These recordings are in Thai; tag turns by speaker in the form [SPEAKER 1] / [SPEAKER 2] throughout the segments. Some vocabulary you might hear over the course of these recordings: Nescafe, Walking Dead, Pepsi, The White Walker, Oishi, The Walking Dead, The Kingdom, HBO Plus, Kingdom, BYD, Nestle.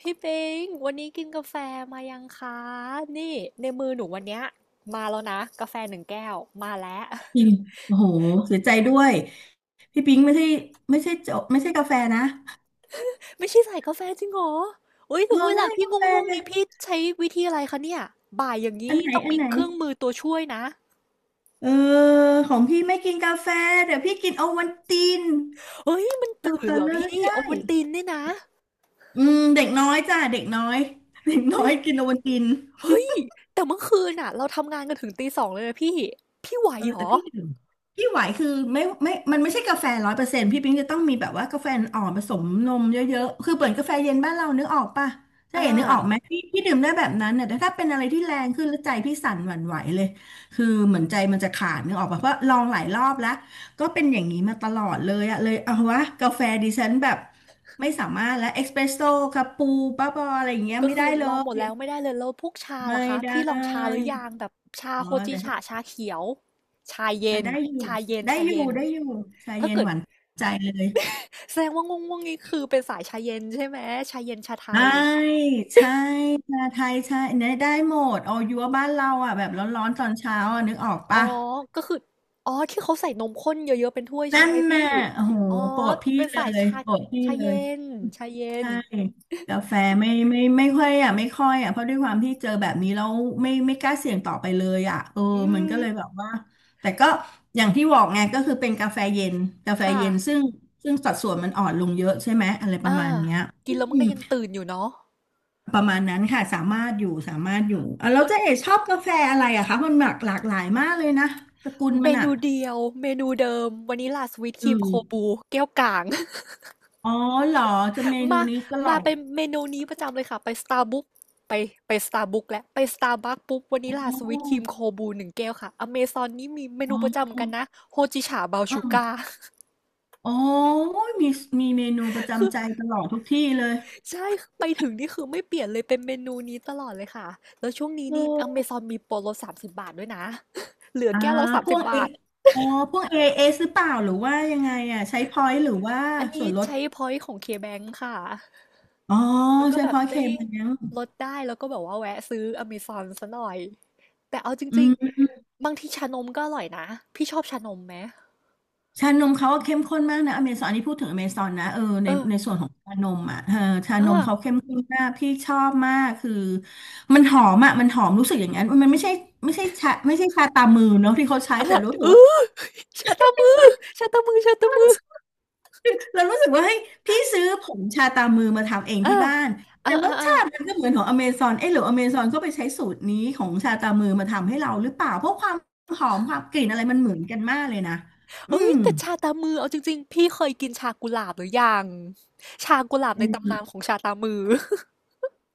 [SPEAKER 1] พี่ปิงวันนี้กินกาแฟมายังคะ นี่ในมือหนูวันเนี้ยมาแล้วนะกาแฟหนึ่งแก้วมาแล้ว
[SPEAKER 2] พิม พ์โอ้โหเสียใจด้วยพี่ปิงไม่ใช่ไม่ใช่โจไม่ใช่กาแฟนะ
[SPEAKER 1] ไม่ใช่ใส่กาแฟจริงเหรออุ้ย
[SPEAKER 2] เอ
[SPEAKER 1] ถึ
[SPEAKER 2] อ
[SPEAKER 1] งเว
[SPEAKER 2] ไม่
[SPEAKER 1] ลา
[SPEAKER 2] ใช่
[SPEAKER 1] พี่
[SPEAKER 2] กา
[SPEAKER 1] ง่
[SPEAKER 2] แฟ
[SPEAKER 1] วงๆเนี่ยพี่ใช้วิธีอะไรคะเนี่ยบ่ายอย่าง
[SPEAKER 2] อัน
[SPEAKER 1] นี้
[SPEAKER 2] ไหน
[SPEAKER 1] ต้อง
[SPEAKER 2] อัน
[SPEAKER 1] มี
[SPEAKER 2] ไหน
[SPEAKER 1] เครื่องมือตัวช่วยนะ
[SPEAKER 2] เออของพี่ไม่กินกาแฟเดี๋ยวพี่กินโอวัลติน
[SPEAKER 1] เฮ้ยมัน
[SPEAKER 2] หลับ
[SPEAKER 1] ตื่น
[SPEAKER 2] ก่อน
[SPEAKER 1] เหรอ
[SPEAKER 2] เลย
[SPEAKER 1] พี่
[SPEAKER 2] ใช่
[SPEAKER 1] โอวัลตินเนี่ยนะ
[SPEAKER 2] อืมเด็กน้อยจ้ะเด็กน้อยเด็กน้
[SPEAKER 1] เฮ้
[SPEAKER 2] อ
[SPEAKER 1] ย
[SPEAKER 2] ยกินโอวัลติน
[SPEAKER 1] เฮ้ยแต่เมื่อคืนน่ะเราทำงานกันถึงตี 2เลยนะพี่ไหว
[SPEAKER 2] เออ
[SPEAKER 1] เหร
[SPEAKER 2] แต่
[SPEAKER 1] อ
[SPEAKER 2] พี่ดื่มพี่ไหวคือไม่มันไม่ใช่กาแฟร้อยเปอร์เซ็นต์พี่ปิ๊งจะต้องมีแบบว่ากาแฟอ่อนผสมนมเยอะๆคือเปิดกาแฟเย็นบ้านเรานึกออกปะถ้า
[SPEAKER 1] อ่า
[SPEAKER 2] เห็นนึกออกไหมพี่พี่ดื่มได้แบบนั้นเนี่ยแต่ถ้าเป็นอะไรที่แรงขึ้นแล้วใจพี่สั่นหวั่นไหวเลยคือเหมือนใจมันจะขาดนึกออกปะเพราะลองหลายรอบแล้วก็เป็นอย่างนี้มาตลอดเลยอะเลยเอาวะกาแฟดิฉันแบบไม่สามารถแล้วเอสเปรสโซ่คาปูบ้าบออะไรอย่างเงี้ย
[SPEAKER 1] ก็
[SPEAKER 2] ไม่
[SPEAKER 1] คื
[SPEAKER 2] ได้
[SPEAKER 1] อ
[SPEAKER 2] เล
[SPEAKER 1] ลองหมด
[SPEAKER 2] ย
[SPEAKER 1] แล้วไม่ได้เลยแล้วพวกชา
[SPEAKER 2] ไม่
[SPEAKER 1] ล่ะคะ
[SPEAKER 2] ได
[SPEAKER 1] พี่ลองชาหรื
[SPEAKER 2] ้
[SPEAKER 1] อยังแบบชา
[SPEAKER 2] อ๋
[SPEAKER 1] โฮจิฉะ
[SPEAKER 2] อ
[SPEAKER 1] ชาเขียวชา
[SPEAKER 2] อ่า
[SPEAKER 1] เย็น
[SPEAKER 2] ได้อยู่
[SPEAKER 1] ชาเย็น
[SPEAKER 2] ได้
[SPEAKER 1] ชา
[SPEAKER 2] อยู่
[SPEAKER 1] เย็น
[SPEAKER 2] ได้อยู่ชา
[SPEAKER 1] ถ้า
[SPEAKER 2] เย็น
[SPEAKER 1] เกิ
[SPEAKER 2] ห
[SPEAKER 1] ด
[SPEAKER 2] วานใจเลย
[SPEAKER 1] แสดงว่าง่วงๆนี่คือเป็นสายชาเย็นใช่ไหมชาเย็นชาไท
[SPEAKER 2] ใช่
[SPEAKER 1] ย
[SPEAKER 2] ใช่ชาไทยใช่เนี่ยได้หมดเอายัวบ้านเราอ่ะแบบร้อนๆตอนเช้าอ่ะนึกออก
[SPEAKER 1] อ๋อ
[SPEAKER 2] ปะ
[SPEAKER 1] ก็คืออ๋อที่เขาใส่นมข้นเยอะๆเป็นถ้วยใช่
[SPEAKER 2] นั่น
[SPEAKER 1] ไหมพี่
[SPEAKER 2] น่ะโอ้โห
[SPEAKER 1] อ๋อ
[SPEAKER 2] โปรดพี่
[SPEAKER 1] เป็น
[SPEAKER 2] เล
[SPEAKER 1] สาย
[SPEAKER 2] ย
[SPEAKER 1] ชา
[SPEAKER 2] โปรดพี่
[SPEAKER 1] ชา
[SPEAKER 2] เล
[SPEAKER 1] เย็
[SPEAKER 2] ย
[SPEAKER 1] นชาเย็
[SPEAKER 2] ใช่
[SPEAKER 1] น
[SPEAKER 2] กาแฟไม่ค่อยอ่ะไม่ค่อยอ่ะเพราะด้วยความที่เจอแบบนี้แล้วไม่กล้าเสี่ยงต่อไปเลยอ่ะเออ
[SPEAKER 1] อื
[SPEAKER 2] มัน
[SPEAKER 1] ม
[SPEAKER 2] ก็เลยแบบว่าแต่ก็อย่างที่บอกไงก็คือเป็นกาแฟเย็นกาแฟ
[SPEAKER 1] ค่ะ
[SPEAKER 2] เย็นซึ่งสัดส่วนมันอ่อนลงเยอะใช่ไหมอะไรประ
[SPEAKER 1] อ่า
[SPEAKER 2] มาณเนี้ย
[SPEAKER 1] กิ
[SPEAKER 2] อื
[SPEAKER 1] นแล้วมัน
[SPEAKER 2] ม
[SPEAKER 1] ก็ยังตื่นอยู่เนาะ
[SPEAKER 2] ประมาณนั้นค่ะสามารถอยู่สามารถอยู่อ่ะแล้ว
[SPEAKER 1] เอ้ย
[SPEAKER 2] เจ๊เอ๋ชอบกาแฟอะไรอะคะมันหลากหลายมากเลยนะสกุล
[SPEAKER 1] เม
[SPEAKER 2] มันอ่ะ
[SPEAKER 1] นูเดียวเมนูเดิมวานิลลาสวีตค
[SPEAKER 2] เอ
[SPEAKER 1] รีมโค
[SPEAKER 2] อ
[SPEAKER 1] บูแก้วกลาง
[SPEAKER 2] อ๋อเหรอจะเมนู
[SPEAKER 1] มา
[SPEAKER 2] นี้ตลอ
[SPEAKER 1] มา
[SPEAKER 2] ด
[SPEAKER 1] เป็นเมนูนี้ประจำเลยค่ะไป s t า r b บัคไปStarbucks และไปสตา r ์บัคปุ๊บวานิลลา
[SPEAKER 2] อ๋
[SPEAKER 1] สวี
[SPEAKER 2] อ
[SPEAKER 1] ตครีมโคบูหนึ่งแก้วค่ะอเมซอนนี่มีเม
[SPEAKER 2] อ๋
[SPEAKER 1] นูประจำเห
[SPEAKER 2] อ
[SPEAKER 1] มือนกันนะโฮจิฉาบราวน์
[SPEAKER 2] อ๋อ
[SPEAKER 1] ชูการ์
[SPEAKER 2] โอ้ยมีมีเมนูประ
[SPEAKER 1] คือ
[SPEAKER 2] จำใจตลอดทุกที่เลย
[SPEAKER 1] ใช่ไปถึงนี่คือไม่เปลี่ยนเลยเป็นเมนูนี้ตลอดเลยค่ะแล้วช่วงนี้
[SPEAKER 2] เ
[SPEAKER 1] นี่อเม
[SPEAKER 2] ออ
[SPEAKER 1] ซอนมีโปรลดสามสิบบาทด้วยนะ เหลือ
[SPEAKER 2] อ่า
[SPEAKER 1] แก้วละสาม
[SPEAKER 2] พว
[SPEAKER 1] สิบ
[SPEAKER 2] กเอ
[SPEAKER 1] บาท
[SPEAKER 2] อ๋อพวกเอเอหรือเปล่าหรือว่ายังไงอ่ะใช้พอยต์หรือว่า
[SPEAKER 1] อัน
[SPEAKER 2] ส่
[SPEAKER 1] นี้
[SPEAKER 2] วนลด
[SPEAKER 1] ใช้พอยต์ของเคแบงค่ะ
[SPEAKER 2] อ๋อ
[SPEAKER 1] มันก็
[SPEAKER 2] ใช้
[SPEAKER 1] แบ
[SPEAKER 2] พ
[SPEAKER 1] บ
[SPEAKER 2] อยต์เค
[SPEAKER 1] ได้
[SPEAKER 2] มันยัง
[SPEAKER 1] ลดได้แล้วก็แบบว่าแวะซื้ออเมซอนซะหน่อยแต่เอาจ
[SPEAKER 2] อื
[SPEAKER 1] ริง
[SPEAKER 2] ม
[SPEAKER 1] ๆบางทีชานมก็อร่อยนะพี่ชอบชานมไหม
[SPEAKER 2] ชานมเขาก็เข้มข้นมากนะอเมซอนอันนี้พูดถึงอเมซอนนะเออใน
[SPEAKER 1] เออ
[SPEAKER 2] ในส่วนของชานมอ่ะเออชานมเขา
[SPEAKER 1] อ่า
[SPEAKER 2] เข้มข้นมากพี่ชอบมากคือมันหอมอ่ะมันหอมรู้สึกอย่างนั้นมันไม่ใช่ไม่ใช่ชาไม่ใช่ชาตามือเนาะที่เขาใช้
[SPEAKER 1] อ่า
[SPEAKER 2] แต่รู้สึก
[SPEAKER 1] เอ
[SPEAKER 2] ว่า
[SPEAKER 1] อ ชาตามือชาตามือชาตามือ
[SPEAKER 2] เรารู้สึกว่าเฮ้ยพี่ซื้อผงชาตามือมาทำเอง
[SPEAKER 1] อ่า
[SPEAKER 2] ที่บ้าน
[SPEAKER 1] อ่า
[SPEAKER 2] แต่ร
[SPEAKER 1] อ่า
[SPEAKER 2] ส
[SPEAKER 1] อ่า
[SPEAKER 2] ชาติมันก็เหมือนของอเมซอนเอ๊ะหรืออเมซอนก็ไปใช้สูตรนี้ของชาตามือมาทำให้เราหรือเปล่าเพราะความหอมความกลิ่นอะไรมันเหมือนกันมากเลยนะอื
[SPEAKER 1] เอ้ย
[SPEAKER 2] ม
[SPEAKER 1] แต่ชาตามือเอาจริงๆพี่เคยกินชากุหลาบหรือยังชากุหลาบในตำนานของชาตามือ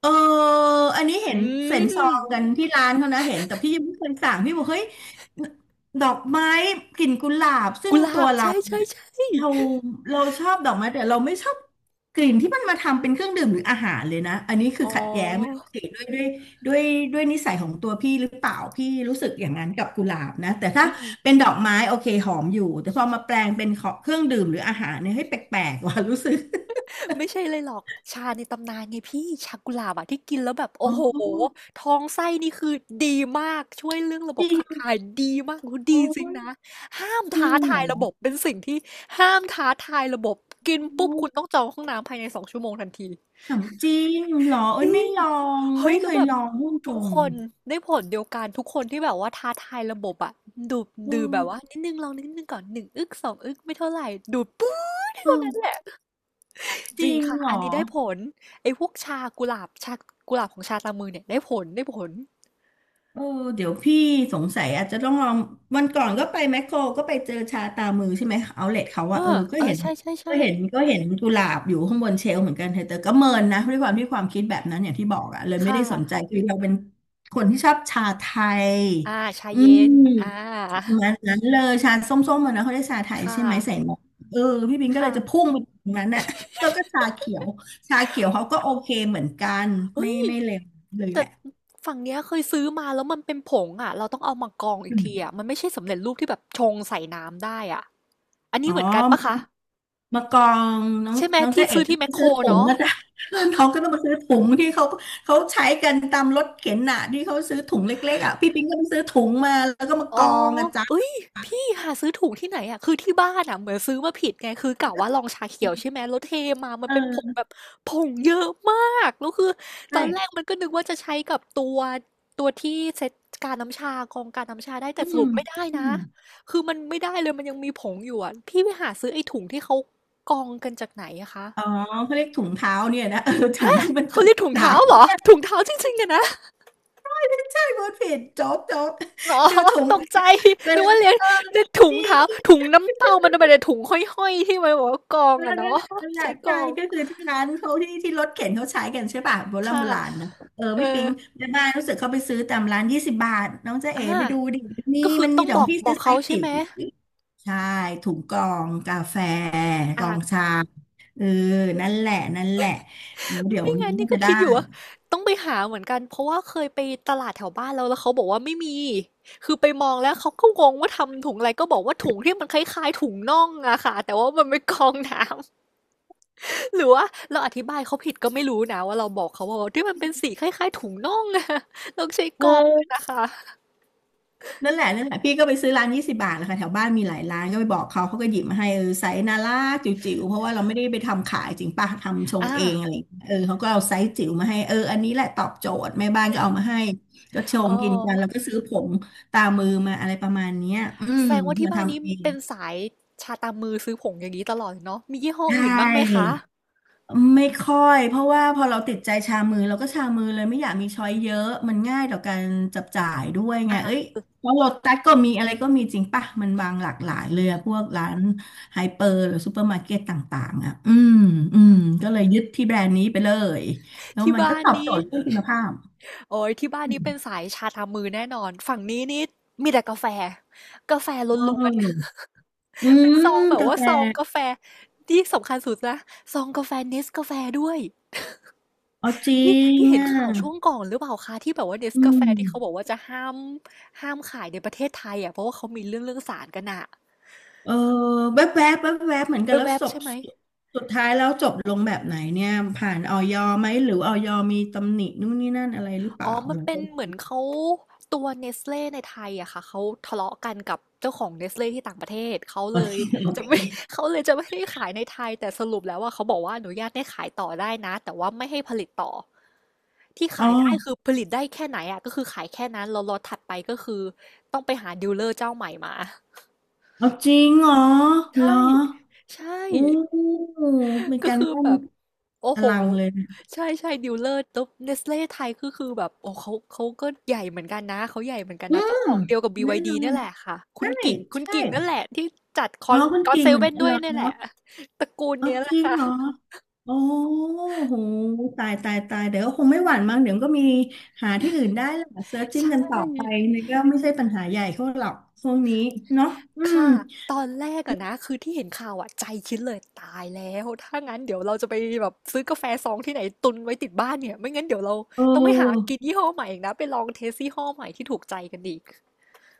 [SPEAKER 2] เอออันนี้ เห็
[SPEAKER 1] อื
[SPEAKER 2] นเส็นซอ
[SPEAKER 1] ม
[SPEAKER 2] งกันที่ร้านเขานะเห็นแต่พี่ยังไม่เคยสั่งพี่บอกเฮ้ยดอกไม้กลิ่นกุหลาบซึ่
[SPEAKER 1] กุ
[SPEAKER 2] ง
[SPEAKER 1] หลา
[SPEAKER 2] ตัว
[SPEAKER 1] บ
[SPEAKER 2] เรา
[SPEAKER 1] ใช่ใช่
[SPEAKER 2] เนี่ย
[SPEAKER 1] ใช่
[SPEAKER 2] เราเราชอบดอกไม้แต่เราไม่ชอบกลิ่นที่มันมาทำเป็นเครื่องดื่มหรืออาหารเลยนะอันนี้คือ
[SPEAKER 1] อ๋
[SPEAKER 2] ขัดแย้งไม่
[SPEAKER 1] อ
[SPEAKER 2] รู้สิด้วยด้วยนิสัยของตัวพี่หรือเปล่าพี่รู้สึกอย่างนั้นกับกุหลาบนะแต่ถ้า
[SPEAKER 1] อืม
[SPEAKER 2] เป็นดอกไม้โอเคหอมอยู่แต่พอมาแปลงเป็นของเครื่องดื่มหรืออาหารเนี่ยให้ยแปลกๆว่ะรู้สึก
[SPEAKER 1] ไม่ใช่เลยหรอกชาในตำนานไงพี่ชากุหลาบอะที่กินแล้วแบบ
[SPEAKER 2] อ๋
[SPEAKER 1] โอ้โห
[SPEAKER 2] อ
[SPEAKER 1] ท้องไส้นี่คือดีมากช่วยเรื่องระ
[SPEAKER 2] จ
[SPEAKER 1] บ
[SPEAKER 2] ริ
[SPEAKER 1] บ
[SPEAKER 2] ง
[SPEAKER 1] ขับ
[SPEAKER 2] เห
[SPEAKER 1] ถ่ายดีมากคุณ
[SPEAKER 2] ร
[SPEAKER 1] ดี
[SPEAKER 2] อ
[SPEAKER 1] จริงนะห้าม
[SPEAKER 2] จริ
[SPEAKER 1] ท้า
[SPEAKER 2] งเหร
[SPEAKER 1] ทา
[SPEAKER 2] อ
[SPEAKER 1] ยระบบเป็นสิ่งที่ห้ามท้าทายระบบกินปุ๊บคุณต้องจองห้องน้ำภายใน2 ชั่วโมงทันที
[SPEAKER 2] ขนมจีนเหรอเอ้
[SPEAKER 1] จ
[SPEAKER 2] ย
[SPEAKER 1] ริ
[SPEAKER 2] ไม่
[SPEAKER 1] ง
[SPEAKER 2] ลอง
[SPEAKER 1] เฮ้
[SPEAKER 2] ไม่
[SPEAKER 1] ย
[SPEAKER 2] เค
[SPEAKER 1] แล้ว
[SPEAKER 2] ย
[SPEAKER 1] แบบ
[SPEAKER 2] ลองม่ดตร
[SPEAKER 1] ทุก
[SPEAKER 2] ง
[SPEAKER 1] คนได้ผลเดียวกันทุกคนที่แบบว่าท้าทายระบบอะดูด
[SPEAKER 2] เอ
[SPEAKER 1] ดื่มแบบว่า
[SPEAKER 2] อ
[SPEAKER 1] นิดนึงลองนิดนึงก่อนหนึ่งอึกสองอึกไม่เท่าไหร่ดูดปื๊ด
[SPEAKER 2] เอ
[SPEAKER 1] เท่า
[SPEAKER 2] อ
[SPEAKER 1] นั้นแหละ
[SPEAKER 2] จ
[SPEAKER 1] จริ
[SPEAKER 2] ริ
[SPEAKER 1] ง
[SPEAKER 2] ง
[SPEAKER 1] ค่ะ
[SPEAKER 2] เหรอ
[SPEAKER 1] อันนี้ได้ผลไอ้พวกชากุหลาบชากุหลาบของชาตามมือเนี่ยได้ผลได้ผล
[SPEAKER 2] เออเดี๋ยวพี่สงสัยอาจจะต้องลองวันก่อนก็ไปแมคโครก็ไปเจอชาตามือใช่ไหมเอาเลทเขา
[SPEAKER 1] เอ
[SPEAKER 2] ว่าเออ
[SPEAKER 1] อ
[SPEAKER 2] ก็
[SPEAKER 1] เอ
[SPEAKER 2] เห็
[SPEAKER 1] อ
[SPEAKER 2] น
[SPEAKER 1] ใช่ใช่
[SPEAKER 2] ก็
[SPEAKER 1] ใช่
[SPEAKER 2] เห็นก็เห็นกุหลาบอยู่ข้างบนเชลฟ์เหมือนกันเธอแต่ก็เมินนะด้วยความที่ความคิดแบบนั้นอย่างที่บอกอะเลยไม่
[SPEAKER 1] ค่ะ
[SPEAKER 2] ได้สนใจคือเราเป็นคนที่ชอบชาไทย
[SPEAKER 1] อ่าชา
[SPEAKER 2] อื
[SPEAKER 1] เย็น
[SPEAKER 2] ม
[SPEAKER 1] อ่า
[SPEAKER 2] ประมันนั้นเลยชาส้มๆมันนะเขาได้ชาไทย
[SPEAKER 1] ค่ะ
[SPEAKER 2] ใช่ไหมใส่นมเออพี่บินก็เล
[SPEAKER 1] ค่ะ
[SPEAKER 2] ยจะพุ่งไปตรงนั้นน่ะ แล้วก็ชาเขียวชาเขียวเขาก็โอเคเหมือนกัน
[SPEAKER 1] เฮ้
[SPEAKER 2] ไม่
[SPEAKER 1] ย
[SPEAKER 2] ไม่เลวเลยแห
[SPEAKER 1] แต่
[SPEAKER 2] ละ
[SPEAKER 1] ฝั่งเนี้ยเคยซื้อมาแล้วมันเป็นผงอ่ะเราต้องเอามากรองอีกทีอ่ะมันไม่ใช่สำเร็จรูปที่แบบชงใส่น้ำได้อ่ะอัน
[SPEAKER 2] อ๋
[SPEAKER 1] นี้
[SPEAKER 2] อ
[SPEAKER 1] เหมือนกันปะคะ
[SPEAKER 2] มากองน้อง
[SPEAKER 1] ใช่ไหม
[SPEAKER 2] น้องเจ๊
[SPEAKER 1] ที่
[SPEAKER 2] เอ๋
[SPEAKER 1] ซื้อ
[SPEAKER 2] ต้อ
[SPEAKER 1] ที่
[SPEAKER 2] ง
[SPEAKER 1] แม
[SPEAKER 2] ไป
[SPEAKER 1] คโค
[SPEAKER 2] ซื้
[SPEAKER 1] ร
[SPEAKER 2] อถุง
[SPEAKER 1] เนาะ
[SPEAKER 2] นะจ๊ะ เพื่อนน้องก็ต้องมาซื้อถุงที่เขาเขาใช้กันตามรถเข็นน่ะที่เขาซื้อถุงเล็กๆอ่ะพี่ปิงก็ไปซื้อถุงมาแล้วก็มา
[SPEAKER 1] อ๋
[SPEAKER 2] ก
[SPEAKER 1] อ
[SPEAKER 2] องอ่ะจ๊ะ
[SPEAKER 1] เอ้ย พี่หาซื้อถูกที่ไหนอะคือที่บ้านอะเหมือนซื้อมาผิดไง คือกะว่าลองชาเขียวใช่ไหมแล้วเทมามันเป็นผง
[SPEAKER 2] เออ
[SPEAKER 1] แบบผงเยอะมากแล้วคือตอนแรก
[SPEAKER 2] ใช่
[SPEAKER 1] มันก็นึกว่าจะใช้กับตัวที่เซตการน้ำชากรองการน้ำชาได้
[SPEAKER 2] อื
[SPEAKER 1] แต่ส
[SPEAKER 2] ม
[SPEAKER 1] รุปไม่ได้
[SPEAKER 2] อื
[SPEAKER 1] นะ
[SPEAKER 2] ม
[SPEAKER 1] คือมันไม่ได้เลย มันยังมีผงอยู่อะพี่ไปหาซื้อไอ้ถุงที่เขากรองกันจากไหนอะคะ
[SPEAKER 2] อ๋อเขาเรียกถุงเท้าเนี่ยนะ เออถุงที่มันก
[SPEAKER 1] เขา
[SPEAKER 2] อง
[SPEAKER 1] เรียกถุง
[SPEAKER 2] หนา
[SPEAKER 1] เท้าเหรอถุงเท้าจริงๆอะนะ
[SPEAKER 2] ใช่พูด ผิดโจ๊ก
[SPEAKER 1] อ๋อ
[SPEAKER 2] คือ ถุง
[SPEAKER 1] ตก
[SPEAKER 2] อัน
[SPEAKER 1] ใจ
[SPEAKER 2] เนี่ยเว
[SPEAKER 1] นึก
[SPEAKER 2] ลา
[SPEAKER 1] ว่าเรียน
[SPEAKER 2] เออ
[SPEAKER 1] นึกถุงเท้าถุงน้ำเต้ามันเป็นแต่ถุงห้อยๆที่มันบอกว่ากองอ่ะ
[SPEAKER 2] นั่
[SPEAKER 1] เนาะ
[SPEAKER 2] นแหละนั่นแห ละ
[SPEAKER 1] ใช้ก
[SPEAKER 2] ใช่
[SPEAKER 1] อง
[SPEAKER 2] ก็คือที่ร้านเขาที่รถเข็นเขาใช้กันใช่ป่ะโบราณโบ
[SPEAKER 1] ค่ะ
[SPEAKER 2] ราณนะเออ
[SPEAKER 1] เออ
[SPEAKER 2] พี่ปิ๊งแม่บ้านรู้สึกเขาไปซื้อตามร้านยี่สิบบาทน้องจ๊ะเอ๋
[SPEAKER 1] อ่า
[SPEAKER 2] ไปดูดินี่
[SPEAKER 1] ก็คือ
[SPEAKER 2] มันมี
[SPEAKER 1] ต้อง
[SPEAKER 2] แต่ข
[SPEAKER 1] บ
[SPEAKER 2] อ
[SPEAKER 1] อ
[SPEAKER 2] ง
[SPEAKER 1] ก
[SPEAKER 2] พี่
[SPEAKER 1] บ
[SPEAKER 2] ซื้
[SPEAKER 1] อ
[SPEAKER 2] อ
[SPEAKER 1] ก
[SPEAKER 2] ไซ
[SPEAKER 1] เขา
[SPEAKER 2] ส์
[SPEAKER 1] ใช่
[SPEAKER 2] จิ๋
[SPEAKER 1] ไห
[SPEAKER 2] ว
[SPEAKER 1] ม
[SPEAKER 2] ใช่ถุงกรองกาแฟกรอง
[SPEAKER 1] อ่า
[SPEAKER 2] ชาเออนั่นแหละนั่นแหละเดี๋ยว
[SPEAKER 1] ไม่
[SPEAKER 2] นี้
[SPEAKER 1] งั้นนี่
[SPEAKER 2] จะ
[SPEAKER 1] ก็
[SPEAKER 2] ได้
[SPEAKER 1] คิดอยู่ว่าต้องไปหาเหมือนกันเพราะว่าเคยไปตลาดแถวบ้านแล้วเขาบอกว่าไม่มีคือไปมองแล้วเขาก็งงว่าทำถุงอะไรก็บอกว่าถุงที่มันคล้ายๆถุงน่องอะค่ะแต่ว่ามันเป็นกองน้ำ หรือว่าเราอธิบายเขาผิดก็ไม่รู้นะว่าเราบอกเขาว่าที่มันเป็นสีคล้ายๆถุงน่องอะ ต้องใช้กรองด้วย
[SPEAKER 2] เออ
[SPEAKER 1] นะคะ
[SPEAKER 2] นั่นแหละนั่นแหละพี่ก็ไปซื้อร้านยี่สิบบาทแหละค่ะแถวบ้านมีหลายร้านก็ไปบอกเขาเขาก็หยิบมาให้เออไซส์น่ารักจิ๋วๆเพราะว่าเราไม่ได้ไปทำขายจริงป่ะทำชง
[SPEAKER 1] อา
[SPEAKER 2] เองอะไรอย่างเงี้ยเออเขาก็เอาไซส์จิ๋วมาให้เอออันนี้แหละตอบโจทย์แม่บ้านก็เอามาให้ก็ช
[SPEAKER 1] อ๋
[SPEAKER 2] ง
[SPEAKER 1] อ
[SPEAKER 2] กินกันแล้วก็ซื้อผงตามือมาอะไรประมาณเนี้ยอื
[SPEAKER 1] แส
[SPEAKER 2] ม
[SPEAKER 1] ดงว่าที่
[SPEAKER 2] มา
[SPEAKER 1] บ้านนี้
[SPEAKER 2] ทำเอง
[SPEAKER 1] เป็นสายชาตามมือซื้อผงอย่างนี้ตลอดเนาะมียี่ห้อ
[SPEAKER 2] ใช
[SPEAKER 1] อื่นบ้างไหม
[SPEAKER 2] ่
[SPEAKER 1] คะ
[SPEAKER 2] ไม่ค่อยเพราะว่าพอเราติดใจชามือเราก็ชามือเลยไม่อยากมีช้อยเยอะมันง่ายต่อการจับจ่ายด้วยไงเอ้ย
[SPEAKER 1] อา
[SPEAKER 2] เพราะโลตัสก็มีอะไรก็มีจริงป่ะมันบางหลากหลายเลยอะพวกร้านไฮเปอร์หรือซูเปอร์มาร์เก็ตต่างๆอะอืมก็เลยยึดที่แบรนด์นี้ไปเลยแล้ว
[SPEAKER 1] ที่
[SPEAKER 2] มันก็
[SPEAKER 1] บ้าน
[SPEAKER 2] ตอบโจ
[SPEAKER 1] นี้
[SPEAKER 2] ทย์เรื่องคุณภาพ
[SPEAKER 1] โอ้ยที่บ้าน
[SPEAKER 2] อื
[SPEAKER 1] นี้เป็น
[SPEAKER 2] ม
[SPEAKER 1] สายชาตามมือแน่นอนฝั่งนี้นี่มีแต่กาแฟกาแฟ
[SPEAKER 2] เ
[SPEAKER 1] ล้วนๆ
[SPEAKER 2] อออื
[SPEAKER 1] เป็น
[SPEAKER 2] ม
[SPEAKER 1] ซองแบบ
[SPEAKER 2] กา
[SPEAKER 1] ว่า
[SPEAKER 2] แฟ
[SPEAKER 1] ซองกาแฟที่สำคัญสุดนะซองกาแฟ NES กาแฟด้วย
[SPEAKER 2] อ๋อจริ
[SPEAKER 1] พี่
[SPEAKER 2] ง
[SPEAKER 1] พี่เห็น
[SPEAKER 2] อ่ะ
[SPEAKER 1] ข่าวช่วงก่อนหรือเปล่าคะที่แบบว่า
[SPEAKER 2] อื
[SPEAKER 1] Nescafe ที่เขาบอ
[SPEAKER 2] ม
[SPEAKER 1] กว่าจะห้ามขายในประเทศไทยอะเพราะว่าเขามีเรื่องสารกันน่ะ
[SPEAKER 2] เออแวบๆแวบๆเหมือนกันแล้ว
[SPEAKER 1] แวบ
[SPEAKER 2] ศ
[SPEAKER 1] ๆ
[SPEAKER 2] พ
[SPEAKER 1] ใช่ไหม
[SPEAKER 2] สุดสุดท้ายแล้วจบลงแบบไหนเนี่ยผ่านออยไหมหรือออยมีตำหนินู่นนี่นั่นอะไรหรือเปล่า
[SPEAKER 1] อ๋อ
[SPEAKER 2] ห
[SPEAKER 1] มั
[SPEAKER 2] รื
[SPEAKER 1] น
[SPEAKER 2] อ
[SPEAKER 1] เป็
[SPEAKER 2] เป็
[SPEAKER 1] น
[SPEAKER 2] น
[SPEAKER 1] เหมือนเขาตัว Nestle ในไทยอะค่ะเขาทะเลาะกันกับเจ้าของ Nestle ที่ต่างประเทศเขา
[SPEAKER 2] อ๋อ
[SPEAKER 1] เลย
[SPEAKER 2] ที่โอ
[SPEAKER 1] จะ
[SPEAKER 2] เค
[SPEAKER 1] ไม่ เขาเลยจะไม่ให้ขายในไทยแต่สรุปแล้วอะเขาบอกว่าอนุญาตให้ขายต่อได้นะแต่ว่าไม่ให้ผลิตต่อที่
[SPEAKER 2] อ๋อ
[SPEAKER 1] ขายได้คือผลิตได้แค่ไหนอะก็คือขายแค่นั้นแล้วล็อตถัดไปก็คือต้องไปหาดีลเลอร์เจ้าใหม่มา
[SPEAKER 2] เอาจริงเหรอเหร
[SPEAKER 1] ใช่
[SPEAKER 2] อ
[SPEAKER 1] ใช่
[SPEAKER 2] อู้เป็น
[SPEAKER 1] ก็
[SPEAKER 2] การ
[SPEAKER 1] คือ
[SPEAKER 2] บ้าน
[SPEAKER 1] แบบ โอ้
[SPEAKER 2] อ
[SPEAKER 1] โห
[SPEAKER 2] ลังเลย
[SPEAKER 1] ใช่ ใช่ดีลเลอร์ตุ๊บเนสเล e ไทยก็คือแบบโอ้เขาก็ใหญ่เหมือนกันนะเขาใหญ่เหมือนกัน
[SPEAKER 2] อื
[SPEAKER 1] นะเจ้า
[SPEAKER 2] ม
[SPEAKER 1] ของเดียวกับ
[SPEAKER 2] แน่
[SPEAKER 1] BYD
[SPEAKER 2] นอ
[SPEAKER 1] เนี่
[SPEAKER 2] น
[SPEAKER 1] ยแหละค่ะ คุณ
[SPEAKER 2] ใช่
[SPEAKER 1] กิ่ง คุณ
[SPEAKER 2] ใช่
[SPEAKER 1] กิ่งนั่นแหละที่จัดคอ
[SPEAKER 2] อ๋อ
[SPEAKER 1] น
[SPEAKER 2] คุณ
[SPEAKER 1] ก็อต
[SPEAKER 2] กิ่ง
[SPEAKER 1] เซ
[SPEAKER 2] เหมือน
[SPEAKER 1] เว่น
[SPEAKER 2] กัน
[SPEAKER 1] ด้ว
[SPEAKER 2] เหร
[SPEAKER 1] ย
[SPEAKER 2] อ
[SPEAKER 1] เนี่ยแหละตระกูล
[SPEAKER 2] อ๋อ
[SPEAKER 1] เนี้ยแห
[SPEAKER 2] จ
[SPEAKER 1] ละ
[SPEAKER 2] ริง
[SPEAKER 1] ค่ะ
[SPEAKER 2] เหรอ โอ้โหตายตายตายเดี๋ยวก็คงไม่หวั่นมั้งเดี๋ยวก็มีหาที่อื่นได้แหละเซิร์ชจิ้ง
[SPEAKER 1] ใช่
[SPEAKER 2] กันต่อไปนี่ก็ไม่ใช่ปัญหาใหญ่เท่าหรอกช่วงนี้เนาะอืม
[SPEAKER 1] ค่ะตอนแรกอะนะคือที่เห็นข่าวอะใจคิดเลยตายแล้วถ้างั้นเดี๋ยวเราจะไปแบบซื้อกาแฟซองที่ไหนตุนไว้ติดบ้านเนี่ยไม่งั้นเดี๋ยวเรา
[SPEAKER 2] เ
[SPEAKER 1] ต้องไปหา
[SPEAKER 2] ออ
[SPEAKER 1] กินยี่ห้อใหม่อีกนะไปลองเทสยี่ห้อใหม่ที่ถูกใจกันอีก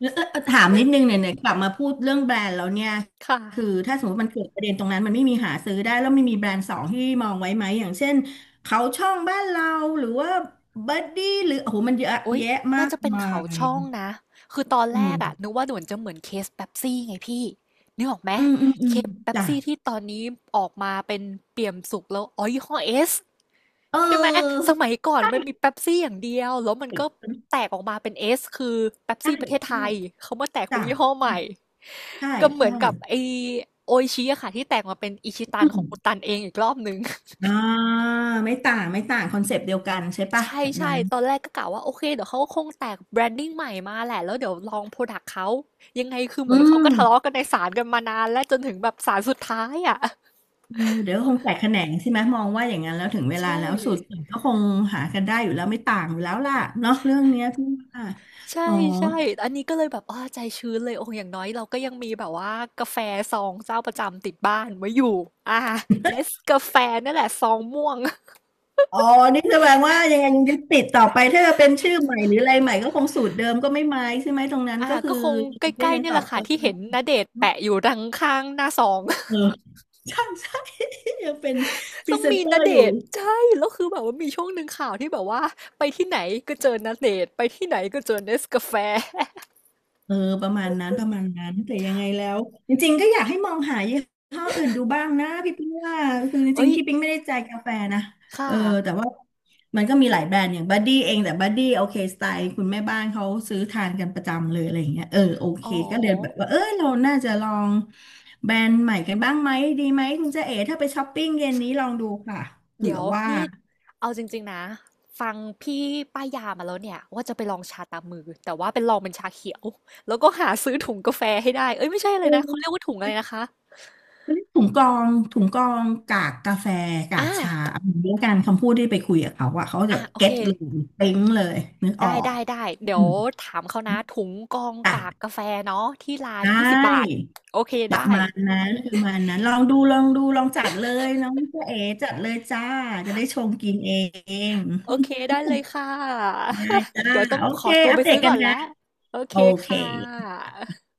[SPEAKER 2] แล้วถามนิดนึงเนี่ยเนี่ยกลับมาพูดเรื่องแบรนด์แล้วเนี่ย
[SPEAKER 1] ค่ะ
[SPEAKER 2] คือถ้าสมมติมันเกิดประเด็นตรงนั้นมันไม่มีหาซื้อได้แล้วไม่มีแบรนด์สองที่มองไว้ไหมอย่างเช่นเขาช่องบ้านเราหรือว่าบัดดี้หรือโอ้โหมันเยอะ
[SPEAKER 1] โอ๊ย
[SPEAKER 2] แยะมา
[SPEAKER 1] น่า
[SPEAKER 2] ก
[SPEAKER 1] จะเป็น
[SPEAKER 2] มา
[SPEAKER 1] เขาช่อง
[SPEAKER 2] ย
[SPEAKER 1] นะคือตอนแรกอะ
[SPEAKER 2] เออ
[SPEAKER 1] นึกว่าเหมือนจะเหมือนเคสเป๊ปซี่ไงพี่นึกออกไหม
[SPEAKER 2] อืมอืมอื
[SPEAKER 1] เค
[SPEAKER 2] ม
[SPEAKER 1] สเป๊ป
[SPEAKER 2] จ้ะ
[SPEAKER 1] ซี่ที่ตอนนี้ออกมาเป็นเปี่ยมสุกแล้วอ๋อยี่ห้อเอส
[SPEAKER 2] เ
[SPEAKER 1] ใช่ไหม
[SPEAKER 2] ออ
[SPEAKER 1] สมัยก่อนมัน
[SPEAKER 2] ใช
[SPEAKER 1] มีเป๊ปซี่อย่างเดียว แล้วมันก็
[SPEAKER 2] ่
[SPEAKER 1] แตกออกมาเป็นเอสคือเป๊ป
[SPEAKER 2] ใช่
[SPEAKER 1] ซี่ประเทศไท
[SPEAKER 2] ใช่
[SPEAKER 1] ย เขามาแตกเป็
[SPEAKER 2] จ้ะ
[SPEAKER 1] นยี่ห้อให
[SPEAKER 2] อ่ะ
[SPEAKER 1] ม่
[SPEAKER 2] ใช่
[SPEAKER 1] ก็เหมื
[SPEAKER 2] ใช่
[SPEAKER 1] อนกับไอโออิชิอะค่ะที่แตกมาเป็นอิชิตั
[SPEAKER 2] อื
[SPEAKER 1] นของ
[SPEAKER 2] ม
[SPEAKER 1] คุณตันเองอีกรอบนึง
[SPEAKER 2] อ่าไม่ต่างไม่ต่างคอนเซปต์เดียวกันใช่ปะ
[SPEAKER 1] ใช่
[SPEAKER 2] แบบ
[SPEAKER 1] ใช่
[SPEAKER 2] นั้น
[SPEAKER 1] ตอนแรกก็กะว่าโอเคเดี๋ยวเขาก็คงแตกแบรนดิ้งใหม่มาแหละแล้วเดี๋ยวลองโปรดักต์เขา ยังไงคือเห
[SPEAKER 2] อื
[SPEAKER 1] มือนเขาก็
[SPEAKER 2] ม
[SPEAKER 1] ทะเลาะกันในศาลกันมานานและจนถึงแบบศาลสุดท้ายอะ
[SPEAKER 2] เออเดี๋ยวคงแตกแขนงใช่ไหมมองว่าอย่างนั้นแล้วถึงเวลา
[SPEAKER 1] ใช่
[SPEAKER 2] แล้วสูตรอื่นก็คงหากันได้อยู่แล้วไม่ต่างอยู่แล้วล่ะเนาะเรื่องเนี้ยที่ว่าอ๋
[SPEAKER 1] ใช่
[SPEAKER 2] อ
[SPEAKER 1] ใช่อันนี้ก็เลยแบบอ้าใจชื้นเลยโอ้อย่างน้อยเราก็ยังมีแบบว่ากาแฟซองเจ้าประจำติดบ้านไว้อยู่ อ่าเนสกาแฟนั่นแหละซองม่วง
[SPEAKER 2] อ๋อนี่แสดงว่ายังไงยึดติดต่อไปถ้าจะเป็นชื่อใหม่หรืออะไรใหม่ก็คงสูตรเดิมก็ไม่ไม้ใช่ไหมตรงนั้นก็คือ
[SPEAKER 1] ก็คงใก
[SPEAKER 2] ก็
[SPEAKER 1] ล้
[SPEAKER 2] ยั
[SPEAKER 1] ๆ
[SPEAKER 2] งต
[SPEAKER 1] เนี่ย
[SPEAKER 2] อ
[SPEAKER 1] แห
[SPEAKER 2] บ
[SPEAKER 1] ละค่ะ
[SPEAKER 2] เติ
[SPEAKER 1] ที่
[SPEAKER 2] ม
[SPEAKER 1] เห็นณเดชน์แปะอยู่ดังข้างหน้าซอง
[SPEAKER 2] เออ ใช่ใช่ยังเป็นพรี
[SPEAKER 1] ต้อง
[SPEAKER 2] เซน
[SPEAKER 1] มี
[SPEAKER 2] เตอ
[SPEAKER 1] ณ
[SPEAKER 2] ร์
[SPEAKER 1] เด
[SPEAKER 2] อยู่
[SPEAKER 1] ชน์ใช่แล้วคือแบบว่ามีช่วงหนึ่งข่าวที่แบบว่าไปที่ไหนก็เจอณเดชน์ไปที่ไหนก็เจอเนสกาแฟ
[SPEAKER 2] เออประมาณนั้นประมาณนั้นแต่ยังไงแล้วจริงๆก็อยากให้มองหายี่ห้ออื่นดูบ้างนะพี่ปิ๊งว่าคือจ ริ
[SPEAKER 1] เอ้
[SPEAKER 2] ง
[SPEAKER 1] ย
[SPEAKER 2] ๆพี่ปิ๊งไม่ได้ใจกาแฟนะเอ
[SPEAKER 1] ค่ะ
[SPEAKER 2] อแต่ว่ามันก็มีหลายแบรนด์อย่างบัดดี้เองแต่บัดดี้โอเคสไตล์คุณแม่บ้านเขาซื้อทานกันประจำเลยอะไรอย่างเงี้ยเออโอเค
[SPEAKER 1] อ๋อ
[SPEAKER 2] ก็เลยแบบว่าเออเราน่าจะลองแบรนด์ใหม่กันบ้างไหมดีไหมคุณเจ๊เอ๋ถ้าไปช้อปปิ้งเย็นนี้ลองดูค่ะเผื่
[SPEAKER 1] เดี๋
[SPEAKER 2] อ
[SPEAKER 1] ยว
[SPEAKER 2] ว่า
[SPEAKER 1] นี่เอาจริงๆนะฟังพี่ป้ายยามาแล้วเนี่ยว่าจะไปลองชาตามมือแต่ว่าเป็นลองเป็นชาเขียวแล้วก็หาซื้อถุงกาแฟให้ได้เอ้ยไม่ใช่
[SPEAKER 2] เ
[SPEAKER 1] เลยนะเขาเรียก
[SPEAKER 2] ออ
[SPEAKER 1] ว่าถุงอะไรนะคะ
[SPEAKER 2] เรียกถุงกรองถุงกรองกากกาแฟกาก
[SPEAKER 1] อ่า
[SPEAKER 2] ชาเอาอย่างนี้ละกันคำพูดที่ไปคุยกับเขาอะเขาจะ
[SPEAKER 1] อ่ะโอ
[SPEAKER 2] เก็
[SPEAKER 1] เค
[SPEAKER 2] ตเลยปิ๊งเลยนึกออ
[SPEAKER 1] ได้
[SPEAKER 2] ก
[SPEAKER 1] ได้ได้เดี๋
[SPEAKER 2] อื
[SPEAKER 1] ยว
[SPEAKER 2] ม
[SPEAKER 1] ถามเขานะถุงกอง
[SPEAKER 2] จ้ะ
[SPEAKER 1] กากกาแฟเนาะที่ร้าน
[SPEAKER 2] ได
[SPEAKER 1] 20 บาท
[SPEAKER 2] ้
[SPEAKER 1] โอเค
[SPEAKER 2] ประ
[SPEAKER 1] ได้
[SPEAKER 2] มาณนั้นประมาณนั้นลองดูลองดูลองจัดเลยน้องเจ๊เอ๋จัดเลยจ้าจะได้ชมกินเอง
[SPEAKER 1] โอเคได้เลยค่ะ
[SPEAKER 2] ได้จ้า
[SPEAKER 1] เดี๋ยวต้อง
[SPEAKER 2] โอ
[SPEAKER 1] ข
[SPEAKER 2] เค
[SPEAKER 1] อตัว
[SPEAKER 2] อัป
[SPEAKER 1] ไป
[SPEAKER 2] เด
[SPEAKER 1] ซื้
[SPEAKER 2] ต
[SPEAKER 1] อ
[SPEAKER 2] กั
[SPEAKER 1] ก่
[SPEAKER 2] น
[SPEAKER 1] อนแล้ว
[SPEAKER 2] นะ
[SPEAKER 1] โอเค
[SPEAKER 2] โอเค
[SPEAKER 1] ค่ะ